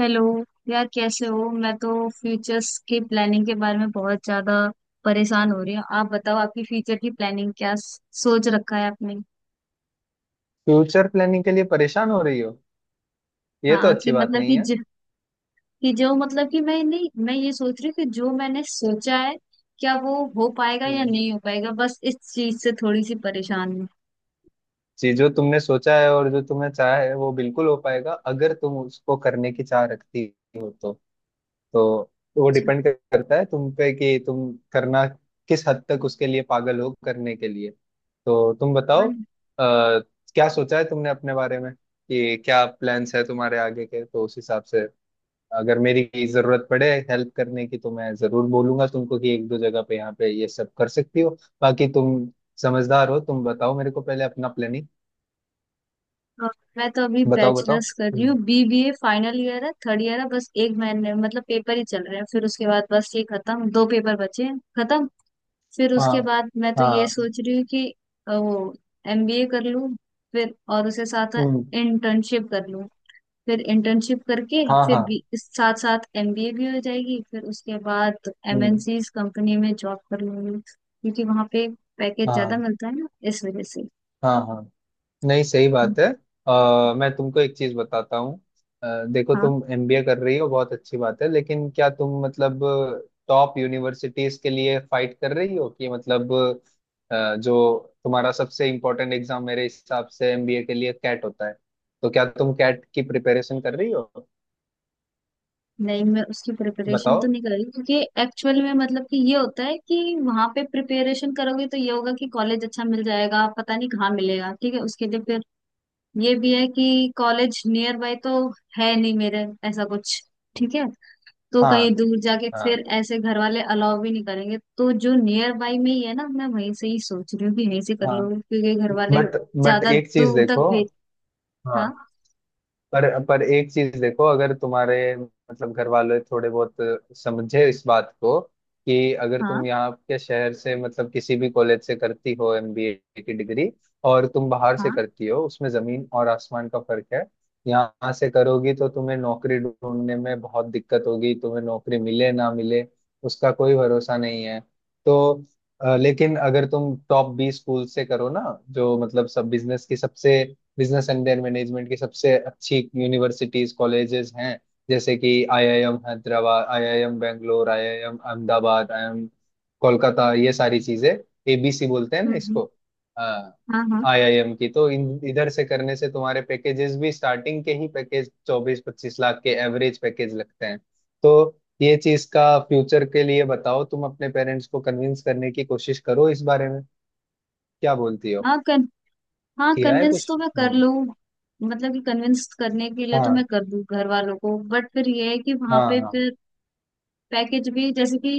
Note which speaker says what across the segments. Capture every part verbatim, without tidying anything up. Speaker 1: Hello. यार, कैसे हो? मैं तो फ्यूचर्स की प्लानिंग के बारे में बहुत ज्यादा परेशान हो रही हूँ। आप बताओ, आपकी फ्यूचर की प्लानिंग क्या स- सोच रखा है आपने?
Speaker 2: फ्यूचर प्लानिंग के लिए परेशान हो रही हो? ये तो
Speaker 1: हाँ,
Speaker 2: अच्छी
Speaker 1: कि
Speaker 2: बात
Speaker 1: मतलब
Speaker 2: नहीं
Speaker 1: कि
Speaker 2: है।
Speaker 1: ज, कि जो मतलब कि मैं नहीं मैं ये सोच रही हूँ कि जो मैंने सोचा है क्या वो हो पाएगा या
Speaker 2: हम्म,
Speaker 1: नहीं हो पाएगा, बस इस चीज से थोड़ी सी परेशान हूँ।
Speaker 2: जी, जो तुमने सोचा है और जो तुम्हें चाह है वो बिल्कुल हो पाएगा, अगर तुम उसको करने की चाह रखती हो तो तो वो
Speaker 1: अच्छा।
Speaker 2: डिपेंड करता है तुम पे कि तुम करना किस हद तक उसके लिए पागल हो करने के लिए। तो तुम बताओ,
Speaker 1: हाँ।
Speaker 2: आ, क्या सोचा है तुमने अपने बारे में कि क्या प्लान्स है तुम्हारे आगे के? तो उस हिसाब से अगर मेरी जरूरत पड़े हेल्प करने की तो मैं जरूर बोलूंगा तुमको कि एक दो जगह पे यहाँ पे ये सब कर सकती हो। बाकी तुम समझदार हो, तुम बताओ मेरे को पहले अपना प्लानिंग।
Speaker 1: अ, मैं तो अभी
Speaker 2: बताओ बताओ।
Speaker 1: बैचलर्स कर रही
Speaker 2: हम्म।
Speaker 1: हूँ। बीबीए फाइनल ईयर है, थर्ड ईयर है। बस एक महीने, मतलब पेपर ही चल रहे हैं, फिर उसके बाद बस ये खत्म। दो पेपर बचे हैं, खत्म। फिर उसके
Speaker 2: हाँ,
Speaker 1: बाद मैं तो ये
Speaker 2: हाँ।
Speaker 1: सोच रही हूँ कि अ, वो एमबीए कर लूँ, फिर और उसे साथ
Speaker 2: हम्म।
Speaker 1: इंटर्नशिप कर लूँ। फिर इंटर्नशिप करके
Speaker 2: हाँ,
Speaker 1: फिर
Speaker 2: हाँ।
Speaker 1: भी इस साथ साथ एमबीए भी हो जाएगी। फिर उसके बाद
Speaker 2: हम्म।
Speaker 1: एमएनसीज कंपनी में जॉब कर लूंगी क्योंकि वहाँ पे पैकेज ज्यादा
Speaker 2: हाँ,
Speaker 1: मिलता है ना, इस वजह से।
Speaker 2: हाँ, हाँ। नहीं, सही बात है। आ, मैं तुमको एक चीज बताता हूँ। अ, देखो,
Speaker 1: हाँ।
Speaker 2: तुम एमबीए कर रही हो, बहुत अच्छी बात है, लेकिन क्या तुम मतलब टॉप यूनिवर्सिटीज के लिए फाइट कर रही हो? कि मतलब अ, जो तुम्हारा सबसे इम्पोर्टेंट एग्जाम मेरे हिसाब से एमबीए के लिए कैट होता है, तो क्या तुम कैट की प्रिपरेशन कर रही हो?
Speaker 1: नहीं, मैं उसकी प्रिपरेशन
Speaker 2: बताओ।
Speaker 1: तो नहीं कर रही क्योंकि एक्चुअल में मतलब कि ये होता है कि वहां पे प्रिपरेशन करोगे तो ये होगा कि कॉलेज अच्छा मिल जाएगा, पता नहीं कहाँ मिलेगा, ठीक है। उसके लिए ये भी है कि कॉलेज नियर बाय तो है नहीं मेरे, ऐसा कुछ, ठीक है। तो कहीं
Speaker 2: हाँ।
Speaker 1: दूर जाके फिर
Speaker 2: हाँ,
Speaker 1: ऐसे घर वाले अलाउ भी नहीं करेंगे, तो जो नियर बाय में ही है ना, मैं वहीं से ही सोच रही हूँ कि यहीं से कर
Speaker 2: हाँ।
Speaker 1: लूँ क्योंकि घर वाले
Speaker 2: बट बट
Speaker 1: ज्यादा
Speaker 2: एक चीज
Speaker 1: दूर तक
Speaker 2: देखो।
Speaker 1: भेज। हाँ,
Speaker 2: हाँ। पर पर एक चीज देखो, अगर तुम्हारे मतलब घर वाले थोड़े बहुत समझे इस बात को कि अगर
Speaker 1: हाँ,
Speaker 2: तुम यहाँ के शहर से मतलब किसी भी कॉलेज से करती हो एमबीए की डिग्री और तुम बाहर से
Speaker 1: हाँ।
Speaker 2: करती हो, उसमें जमीन और आसमान का फर्क है। यहाँ से करोगी तो तुम्हें नौकरी ढूंढने में बहुत दिक्कत होगी, तुम्हें नौकरी मिले ना मिले उसका कोई भरोसा नहीं है। तो अ, लेकिन अगर तुम टॉप बीस स्कूल से करो ना, जो मतलब सब बिजनेस की सबसे बिजनेस एंड देयर मैनेजमेंट की सबसे अच्छी यूनिवर्सिटीज कॉलेजेस हैं, जैसे कि IIM Hyderabad, IIM Bangalore, IIM Ahmedabad, IIM Kolkata, ये सारी चीजें। एबीसी बोलते हैं
Speaker 1: हम्म,
Speaker 2: ना
Speaker 1: हम्म।
Speaker 2: इसको।
Speaker 1: हाँ, हाँ।
Speaker 2: आईआईएम की तो इन इधर से करने से तुम्हारे पैकेजेस भी स्टार्टिंग के ही पैकेज चौबीस पच्चीस लाख के एवरेज पैकेज लगते हैं। तो ये चीज का फ्यूचर के लिए बताओ, तुम अपने पेरेंट्स को कन्विंस करने की कोशिश करो इस बारे में। क्या बोलती हो?
Speaker 1: हाँ कन, हाँ,
Speaker 2: किया है
Speaker 1: कन्विंस
Speaker 2: कुछ?
Speaker 1: तो मैं कर
Speaker 2: हम्म।
Speaker 1: लूँ, मतलब कि कन्विंस करने के लिए तो मैं
Speaker 2: हाँ।
Speaker 1: कर दूँ घर वालों को। बट फिर ये है कि वहां
Speaker 2: हाँ,
Speaker 1: पे
Speaker 2: हाँ।
Speaker 1: फिर पैकेज भी, जैसे कि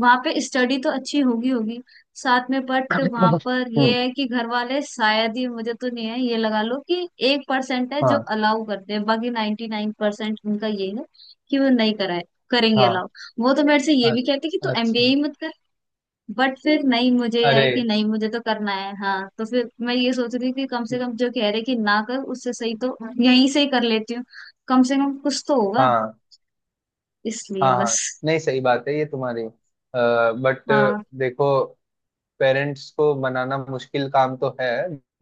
Speaker 1: वहां पे स्टडी तो अच्छी होगी होगी साथ में, बट वहां पर ये
Speaker 2: हम्म।
Speaker 1: है कि घर वाले शायद ही, मुझे तो नहीं है, ये लगा लो कि एक परसेंट है जो
Speaker 2: हाँ,
Speaker 1: अलाउ करते हैं, बाकी नाइन्टी नाइन परसेंट उनका ये है कि वो नहीं कराए करेंगे
Speaker 2: हाँ।
Speaker 1: अलाउ। वो तो मेरे से ये
Speaker 2: अ-
Speaker 1: भी कहते कि तू एमबीए
Speaker 2: अच्छा।
Speaker 1: ही मत कर। बट फिर नहीं मुझे है
Speaker 2: अरे।
Speaker 1: कि नहीं, मुझे तो करना है। हाँ, तो फिर मैं ये सोच रही थी कि कम से कम जो कह रहे कि ना कर, उससे सही तो यहीं से ही कर लेती हूँ, कम से कम कुछ तो होगा,
Speaker 2: हाँ।
Speaker 1: इसलिए
Speaker 2: हाँ, हाँ।
Speaker 1: बस।
Speaker 2: नहीं, सही बात है ये तुम्हारी। बट
Speaker 1: हाँ,
Speaker 2: देखो, पेरेंट्स को मनाना मुश्किल काम तो है,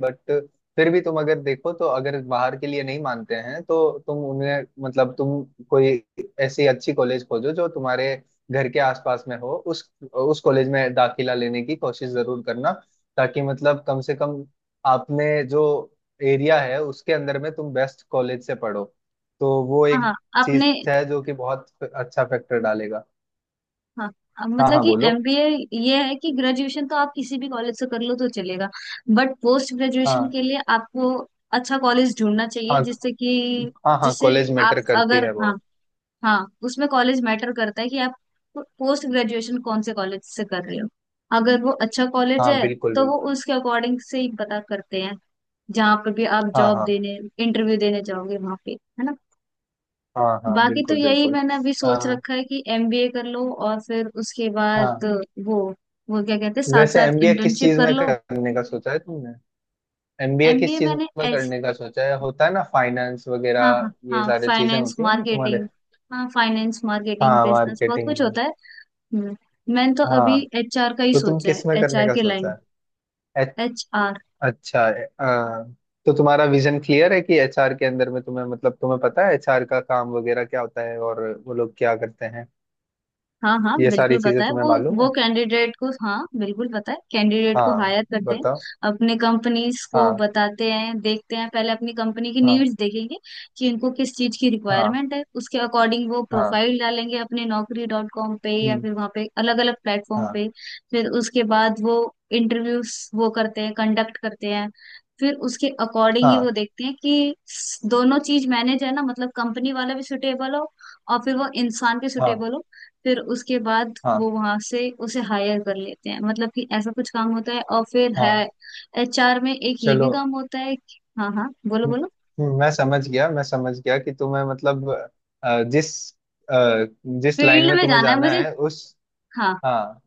Speaker 2: बट फिर भी तुम अगर देखो, तो अगर बाहर के लिए नहीं मानते हैं तो तुम उन्हें मतलब तुम कोई ऐसी अच्छी कॉलेज खोजो जो तुम्हारे घर के आसपास में हो, उस उस कॉलेज में दाखिला लेने की कोशिश जरूर करना। ताकि मतलब कम से कम आपने जो एरिया है उसके अंदर में तुम बेस्ट कॉलेज से पढ़ो, तो वो एक
Speaker 1: हाँ।
Speaker 2: चीज
Speaker 1: आपने।
Speaker 2: है जो कि बहुत अच्छा फैक्टर डालेगा।
Speaker 1: हाँ। अब
Speaker 2: हाँ,
Speaker 1: मतलब
Speaker 2: हाँ,
Speaker 1: कि
Speaker 2: बोलो।
Speaker 1: एमबीए, ये है कि ग्रेजुएशन तो आप किसी भी कॉलेज से कर लो तो चलेगा, बट पोस्ट ग्रेजुएशन
Speaker 2: हाँ,
Speaker 1: के लिए आपको अच्छा कॉलेज ढूंढना चाहिए,
Speaker 2: हाँ,
Speaker 1: जिससे कि
Speaker 2: हाँ। हाँ,
Speaker 1: जिससे
Speaker 2: कॉलेज
Speaker 1: आप,
Speaker 2: मैटर करती
Speaker 1: अगर,
Speaker 2: है
Speaker 1: हाँ,
Speaker 2: बहुत।
Speaker 1: हाँ, उसमें कॉलेज मैटर करता है कि आप पोस्ट ग्रेजुएशन कौन से कॉलेज से कर रहे हो। अगर वो अच्छा कॉलेज
Speaker 2: हाँ,
Speaker 1: है
Speaker 2: बिल्कुल,
Speaker 1: तो वो
Speaker 2: बिल्कुल।
Speaker 1: उसके अकॉर्डिंग से ही पता करते हैं, जहाँ पे भी आप
Speaker 2: हाँ,
Speaker 1: जॉब
Speaker 2: हाँ,
Speaker 1: देने, इंटरव्यू देने जाओगे वहां पे, है ना।
Speaker 2: हाँ। हाँ,
Speaker 1: बाकी तो
Speaker 2: बिल्कुल,
Speaker 1: यही
Speaker 2: बिल्कुल।
Speaker 1: मैंने अभी सोच
Speaker 2: हाँ,
Speaker 1: रखा है कि एमबीए कर लो और फिर उसके बाद
Speaker 2: हाँ।
Speaker 1: वो वो क्या कहते हैं, साथ
Speaker 2: वैसे
Speaker 1: साथ
Speaker 2: एमबीए किस
Speaker 1: इंटर्नशिप
Speaker 2: चीज
Speaker 1: कर
Speaker 2: में
Speaker 1: लो।
Speaker 2: करने का सोचा है तुमने? एमबीए किस
Speaker 1: एमबीए
Speaker 2: चीज
Speaker 1: मैंने
Speaker 2: में
Speaker 1: ऐस।
Speaker 2: करने का सोचा है? होता है ना फाइनेंस
Speaker 1: हाँ,
Speaker 2: वगैरह,
Speaker 1: हाँ,
Speaker 2: ये
Speaker 1: हाँ,
Speaker 2: सारी चीजें
Speaker 1: फाइनेंस
Speaker 2: होती है ना तुम्हारे।
Speaker 1: मार्केटिंग। हाँ, फाइनेंस मार्केटिंग
Speaker 2: हाँ,
Speaker 1: बिजनेस बहुत
Speaker 2: मार्केटिंग
Speaker 1: कुछ
Speaker 2: में।
Speaker 1: होता है। हम्म। मैंने तो अभी
Speaker 2: हाँ,
Speaker 1: एचआर का ही
Speaker 2: तो तुम
Speaker 1: सोचा है,
Speaker 2: किस में करने
Speaker 1: एचआर
Speaker 2: का
Speaker 1: के
Speaker 2: सोचा
Speaker 1: लाइन।
Speaker 2: है? ए-
Speaker 1: एचआर।
Speaker 2: अच्छा। ए- आ, तो तुम्हारा विजन क्लियर है कि एचआर के अंदर में तुम्हें मतलब तुम्हें पता है एचआर का काम वगैरह क्या होता है और वो लोग क्या करते हैं?
Speaker 1: हाँ, हाँ,
Speaker 2: ये सारी
Speaker 1: बिल्कुल
Speaker 2: चीजें
Speaker 1: पता है,
Speaker 2: तुम्हें
Speaker 1: वो
Speaker 2: मालूम
Speaker 1: वो
Speaker 2: है।
Speaker 1: कैंडिडेट को, हाँ बिल्कुल पता है, कैंडिडेट को
Speaker 2: हाँ,
Speaker 1: हायर करते हैं,
Speaker 2: बताओ।
Speaker 1: अपने कंपनीज को
Speaker 2: हाँ,
Speaker 1: बताते हैं, देखते हैं पहले अपनी कंपनी की
Speaker 2: हाँ,
Speaker 1: नीड्स देखेंगे कि इनको किस चीज की
Speaker 2: हाँ।
Speaker 1: रिक्वायरमेंट है, उसके अकॉर्डिंग वो
Speaker 2: हाँ।
Speaker 1: प्रोफाइल डालेंगे अपने नौकरी डॉट कॉम पे या
Speaker 2: हम्म,
Speaker 1: फिर वहाँ पे अलग अलग प्लेटफॉर्म
Speaker 2: हाँ।
Speaker 1: पे। फिर उसके बाद वो इंटरव्यूज वो करते हैं, कंडक्ट करते हैं। फिर उसके अकॉर्डिंग ही वो
Speaker 2: हाँ,
Speaker 1: देखते हैं कि दोनों चीज मैनेज है ना, मतलब कंपनी वाला भी सुटेबल हो, और फिर वो इंसान के
Speaker 2: हाँ।
Speaker 1: सुटेबल हो। फिर उसके बाद
Speaker 2: हाँ,
Speaker 1: वो वहां से उसे हायर कर लेते हैं, मतलब कि ऐसा कुछ काम होता है। और फिर है
Speaker 2: हाँ।
Speaker 1: एचआर में एक ये
Speaker 2: चलो।
Speaker 1: भी काम होता है कि- हाँ, हाँ, बोलो
Speaker 2: हम्म,
Speaker 1: बोलो।
Speaker 2: हम्म, मैं समझ गया मैं समझ गया कि तुम्हें मतलब अ, जिस अ, जिस लाइन
Speaker 1: फील्ड
Speaker 2: में
Speaker 1: में
Speaker 2: तुम्हें
Speaker 1: जाना है
Speaker 2: जाना
Speaker 1: मुझे।
Speaker 2: है उस।
Speaker 1: हाँ,
Speaker 2: हाँ,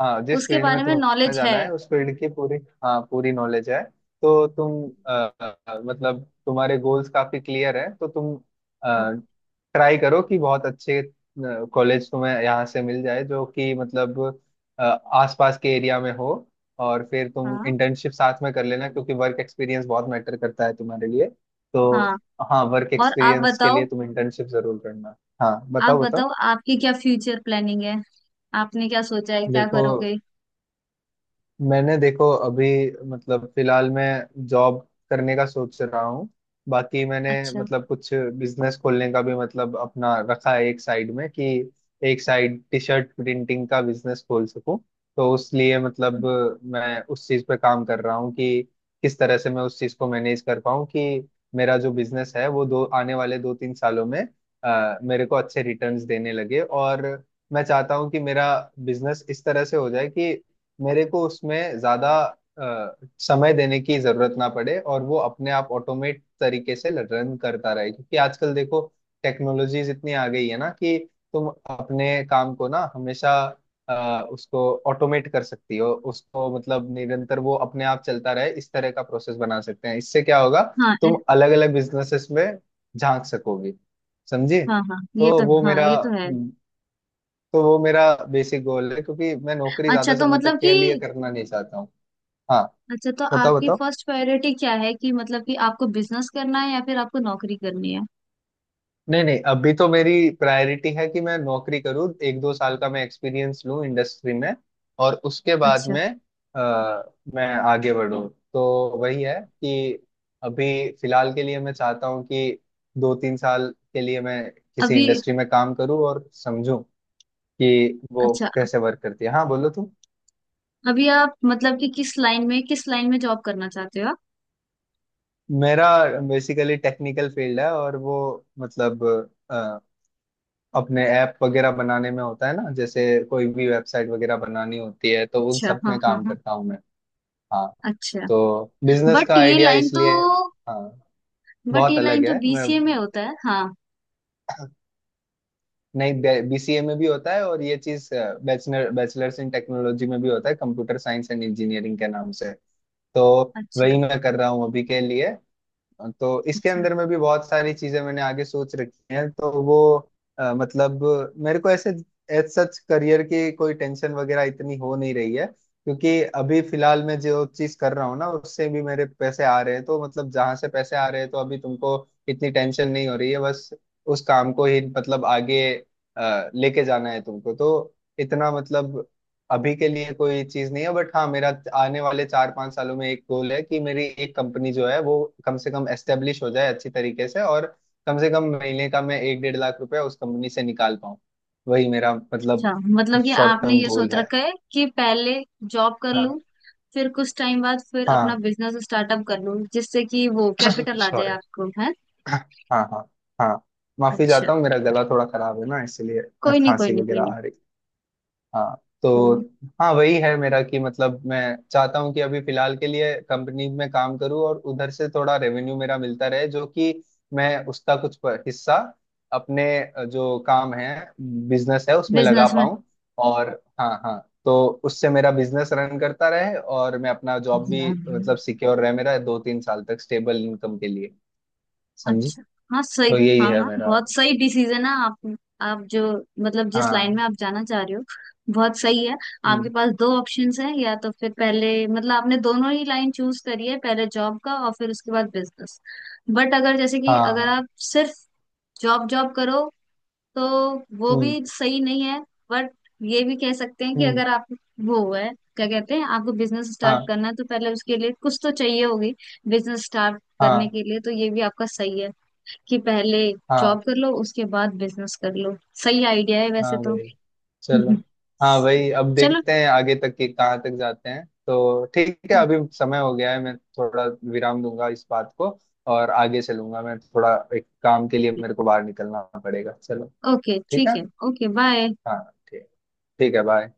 Speaker 2: हाँ, जिस
Speaker 1: उसके
Speaker 2: फील्ड में
Speaker 1: बारे में
Speaker 2: तुम्हें
Speaker 1: नॉलेज है।
Speaker 2: जाना है उस फील्ड की पूरी। हाँ, पूरी नॉलेज है। तो तुम अ, अ, मतलब तुम्हारे गोल्स काफी क्लियर हैं, तो तुम
Speaker 1: हाँ,
Speaker 2: ट्राई करो कि बहुत अच्छे कॉलेज तुम्हें यहाँ से मिल जाए जो कि मतलब अ, आसपास के एरिया में हो। और फिर तुम
Speaker 1: हाँ,
Speaker 2: इंटर्नशिप साथ में कर लेना, क्योंकि वर्क एक्सपीरियंस बहुत मैटर करता है तुम्हारे लिए। तो
Speaker 1: हाँ।
Speaker 2: हाँ, वर्क
Speaker 1: और आप
Speaker 2: एक्सपीरियंस के लिए
Speaker 1: बताओ।
Speaker 2: तुम इंटर्नशिप जरूर करना। हाँ,
Speaker 1: आप
Speaker 2: बताओ बताओ।
Speaker 1: बताओ आपकी क्या फ्यूचर प्लानिंग है? आपने क्या सोचा है, क्या
Speaker 2: देखो,
Speaker 1: करोगे?
Speaker 2: मैंने देखो अभी मतलब फिलहाल मैं जॉब करने का सोच रहा हूँ। बाकी मैंने
Speaker 1: अच्छा।
Speaker 2: मतलब कुछ बिजनेस खोलने का भी मतलब अपना रखा है एक साइड में कि एक साइड टी शर्ट प्रिंटिंग का बिजनेस खोल सकूँ। तो उस लिए मतलब मैं उस चीज़ पे काम कर रहा हूँ कि किस तरह से मैं उस चीज़ को मैनेज कर पाऊँ कि मेरा जो बिजनेस है वो दो आने वाले दो तीन सालों में अ, मेरे को अच्छे रिटर्न्स देने लगे। और मैं चाहता हूँ कि मेरा बिजनेस इस तरह से हो जाए कि मेरे को उसमें ज्यादा अ, समय देने की जरूरत ना पड़े और वो अपने आप ऑटोमेट तरीके से रन करता रहे। क्योंकि आजकल देखो, टेक्नोलॉजीज इतनी आ गई है ना कि तुम अपने काम को ना हमेशा अ, उसको ऑटोमेट कर सकती हो, उसको मतलब निरंतर वो अपने आप चलता रहे, इस तरह का प्रोसेस बना सकते हैं। इससे क्या होगा,
Speaker 1: हाँ। ए-
Speaker 2: तुम अलग अलग बिजनेसेस में झांक सकोगी, समझी?
Speaker 1: हाँ, हाँ, ये
Speaker 2: तो
Speaker 1: तो,
Speaker 2: वो
Speaker 1: हाँ
Speaker 2: मेरा
Speaker 1: ये तो है।
Speaker 2: तो वो मेरा बेसिक गोल है, क्योंकि मैं नौकरी
Speaker 1: अच्छा,
Speaker 2: ज्यादा
Speaker 1: तो
Speaker 2: समय
Speaker 1: मतलब
Speaker 2: तक
Speaker 1: कि,
Speaker 2: के लिए करना नहीं चाहता हूँ। हाँ,
Speaker 1: अच्छा तो
Speaker 2: बताओ
Speaker 1: आपकी
Speaker 2: बताओ।
Speaker 1: फर्स्ट प्रायोरिटी क्या है कि मतलब कि आपको बिजनेस करना है या फिर आपको नौकरी करनी है?
Speaker 2: नहीं, नहीं, अभी तो मेरी प्रायोरिटी है कि मैं नौकरी करूँ, एक दो साल का मैं एक्सपीरियंस लूँ इंडस्ट्री में, और उसके बाद
Speaker 1: अच्छा।
Speaker 2: में आ, मैं आगे बढ़ूँ। तो वही है कि अभी फिलहाल के लिए मैं चाहता हूँ कि दो तीन साल के लिए मैं किसी
Speaker 1: अभी।
Speaker 2: इंडस्ट्री में काम करूँ और समझूं कि वो
Speaker 1: अच्छा,
Speaker 2: कैसे वर्क करती है। हाँ, बोलो तुम।
Speaker 1: अभी आप मतलब कि किस लाइन में, किस लाइन में जॉब करना चाहते हो आप?
Speaker 2: मेरा बेसिकली टेक्निकल फील्ड है और वो मतलब अ, अपने ऐप वगैरह बनाने में होता है ना। जैसे कोई भी वेबसाइट वगैरह बनानी होती है तो उन
Speaker 1: अच्छा,
Speaker 2: सब
Speaker 1: हाँ,
Speaker 2: में
Speaker 1: हाँ,
Speaker 2: काम
Speaker 1: हाँ।
Speaker 2: करता हूँ मैं। हाँ,
Speaker 1: अच्छा।
Speaker 2: तो बिजनेस
Speaker 1: बट
Speaker 2: का
Speaker 1: ये
Speaker 2: आइडिया
Speaker 1: लाइन तो,
Speaker 2: इसलिए। हाँ,
Speaker 1: बट
Speaker 2: बहुत
Speaker 1: ये लाइन
Speaker 2: अलग
Speaker 1: तो
Speaker 2: है। मैं
Speaker 1: बीसीए में होता है, हाँ।
Speaker 2: नहीं, बीसीए में भी होता है और ये चीज बैचलर बैचलर्स इन टेक्नोलॉजी में भी होता है, कंप्यूटर साइंस एंड इंजीनियरिंग के नाम से। तो
Speaker 1: अच्छा।
Speaker 2: वही मैं कर रहा हूँ अभी के लिए। तो इसके
Speaker 1: अच्छा।
Speaker 2: अंदर में भी बहुत सारी चीजें मैंने आगे सोच रखी हैं तो वो अ, मतलब मेरे को ऐसे एज सच करियर की कोई टेंशन वगैरह इतनी हो नहीं रही है, क्योंकि अभी फिलहाल मैं जो चीज कर रहा हूँ ना उससे भी मेरे पैसे आ रहे हैं। तो मतलब जहां से पैसे आ रहे हैं तो अभी तुमको इतनी टेंशन नहीं हो रही है। बस उस काम को ही मतलब आगे अ, लेके जाना है तुमको। तो इतना मतलब अभी के लिए कोई चीज नहीं है, बट हाँ, मेरा आने वाले चार पांच सालों में एक गोल है कि मेरी एक कंपनी जो है वो कम से कम एस्टेब्लिश हो जाए अच्छी तरीके से, और कम से कम महीने का मैं एक डेढ़ लाख रुपया उस कंपनी से निकाल पाऊँ। वही मेरा मतलब
Speaker 1: अच्छा, मतलब कि
Speaker 2: शॉर्ट
Speaker 1: आपने
Speaker 2: टर्म
Speaker 1: ये
Speaker 2: गोल
Speaker 1: सोच
Speaker 2: है।
Speaker 1: रखा है कि पहले जॉब कर
Speaker 2: हाँ,
Speaker 1: लूं, फिर कुछ टाइम बाद फिर अपना
Speaker 2: हाँ।
Speaker 1: बिजनेस स्टार्टअप कर लूं जिससे कि वो कैपिटल आ जाए
Speaker 2: सॉरी।
Speaker 1: आपको, है।
Speaker 2: हाँ, हाँ, हाँ। माफी
Speaker 1: अच्छा।
Speaker 2: चाहता हूँ, मेरा गला थोड़ा खराब है ना इसलिए
Speaker 1: कोई नहीं, कोई
Speaker 2: खांसी
Speaker 1: नहीं, कोई
Speaker 2: वगैरह
Speaker 1: नहीं,
Speaker 2: आ रही है। हाँ।
Speaker 1: कोई
Speaker 2: तो
Speaker 1: नहीं।
Speaker 2: हाँ, वही है मेरा, कि मतलब मैं चाहता हूँ कि अभी फिलहाल के लिए कंपनी में काम करूँ और उधर से थोड़ा रेवेन्यू मेरा मिलता रहे, जो कि मैं उसका कुछ प- हिस्सा अपने अ, जो काम है, बिजनेस है, उसमें लगा
Speaker 1: बिजनेस में।
Speaker 2: पाऊँ। और हाँ, हाँ, तो उससे मेरा बिजनेस रन करता रहे, और मैं अपना जॉब भी मतलब सिक्योर रहे मेरा दो तीन साल तक स्टेबल इनकम के लिए। समझी?
Speaker 1: अच्छा, हाँ सही।
Speaker 2: तो यही
Speaker 1: हाँ,
Speaker 2: है
Speaker 1: हाँ,
Speaker 2: मेरा।
Speaker 1: बहुत सही डिसीजन है आप आप जो, मतलब जिस लाइन में
Speaker 2: हाँ।
Speaker 1: आप जाना चाह रहे हो, बहुत सही है। आपके
Speaker 2: हम्म,
Speaker 1: पास दो ऑप्शंस हैं, या तो फिर पहले, मतलब आपने दोनों ही लाइन चूज करी है, पहले जॉब का और फिर उसके बाद बिजनेस। बट अगर जैसे कि अगर
Speaker 2: हाँ।
Speaker 1: आप सिर्फ जॉब जॉब करो तो वो भी
Speaker 2: हम्म।
Speaker 1: सही नहीं है। बट ये भी कह सकते हैं कि
Speaker 2: हम्म।
Speaker 1: अगर आप, वो है, क्या कहते हैं, आपको बिजनेस स्टार्ट
Speaker 2: हाँ,
Speaker 1: करना है तो पहले उसके लिए कुछ तो चाहिए होगी, बिजनेस स्टार्ट करने
Speaker 2: हाँ।
Speaker 1: के लिए। तो ये भी आपका सही है कि पहले
Speaker 2: हाँ,
Speaker 1: जॉब कर लो, उसके बाद बिजनेस कर लो। सही आइडिया है वैसे
Speaker 2: हाँ
Speaker 1: तो।
Speaker 2: भाई। चलो। हाँ भाई, अब
Speaker 1: चलो,
Speaker 2: देखते हैं आगे तक कि कहाँ तक जाते हैं। तो ठीक है, अभी समय हो गया है, मैं थोड़ा विराम दूंगा इस बात को और आगे चलूंगा। मैं थोड़ा एक काम के लिए, मेरे को बाहर निकलना पड़ेगा। चलो।
Speaker 1: ओके
Speaker 2: ठीक
Speaker 1: ठीक
Speaker 2: है।
Speaker 1: है, ओके बाय।
Speaker 2: हाँ। ठीक। ठीक है। बाय।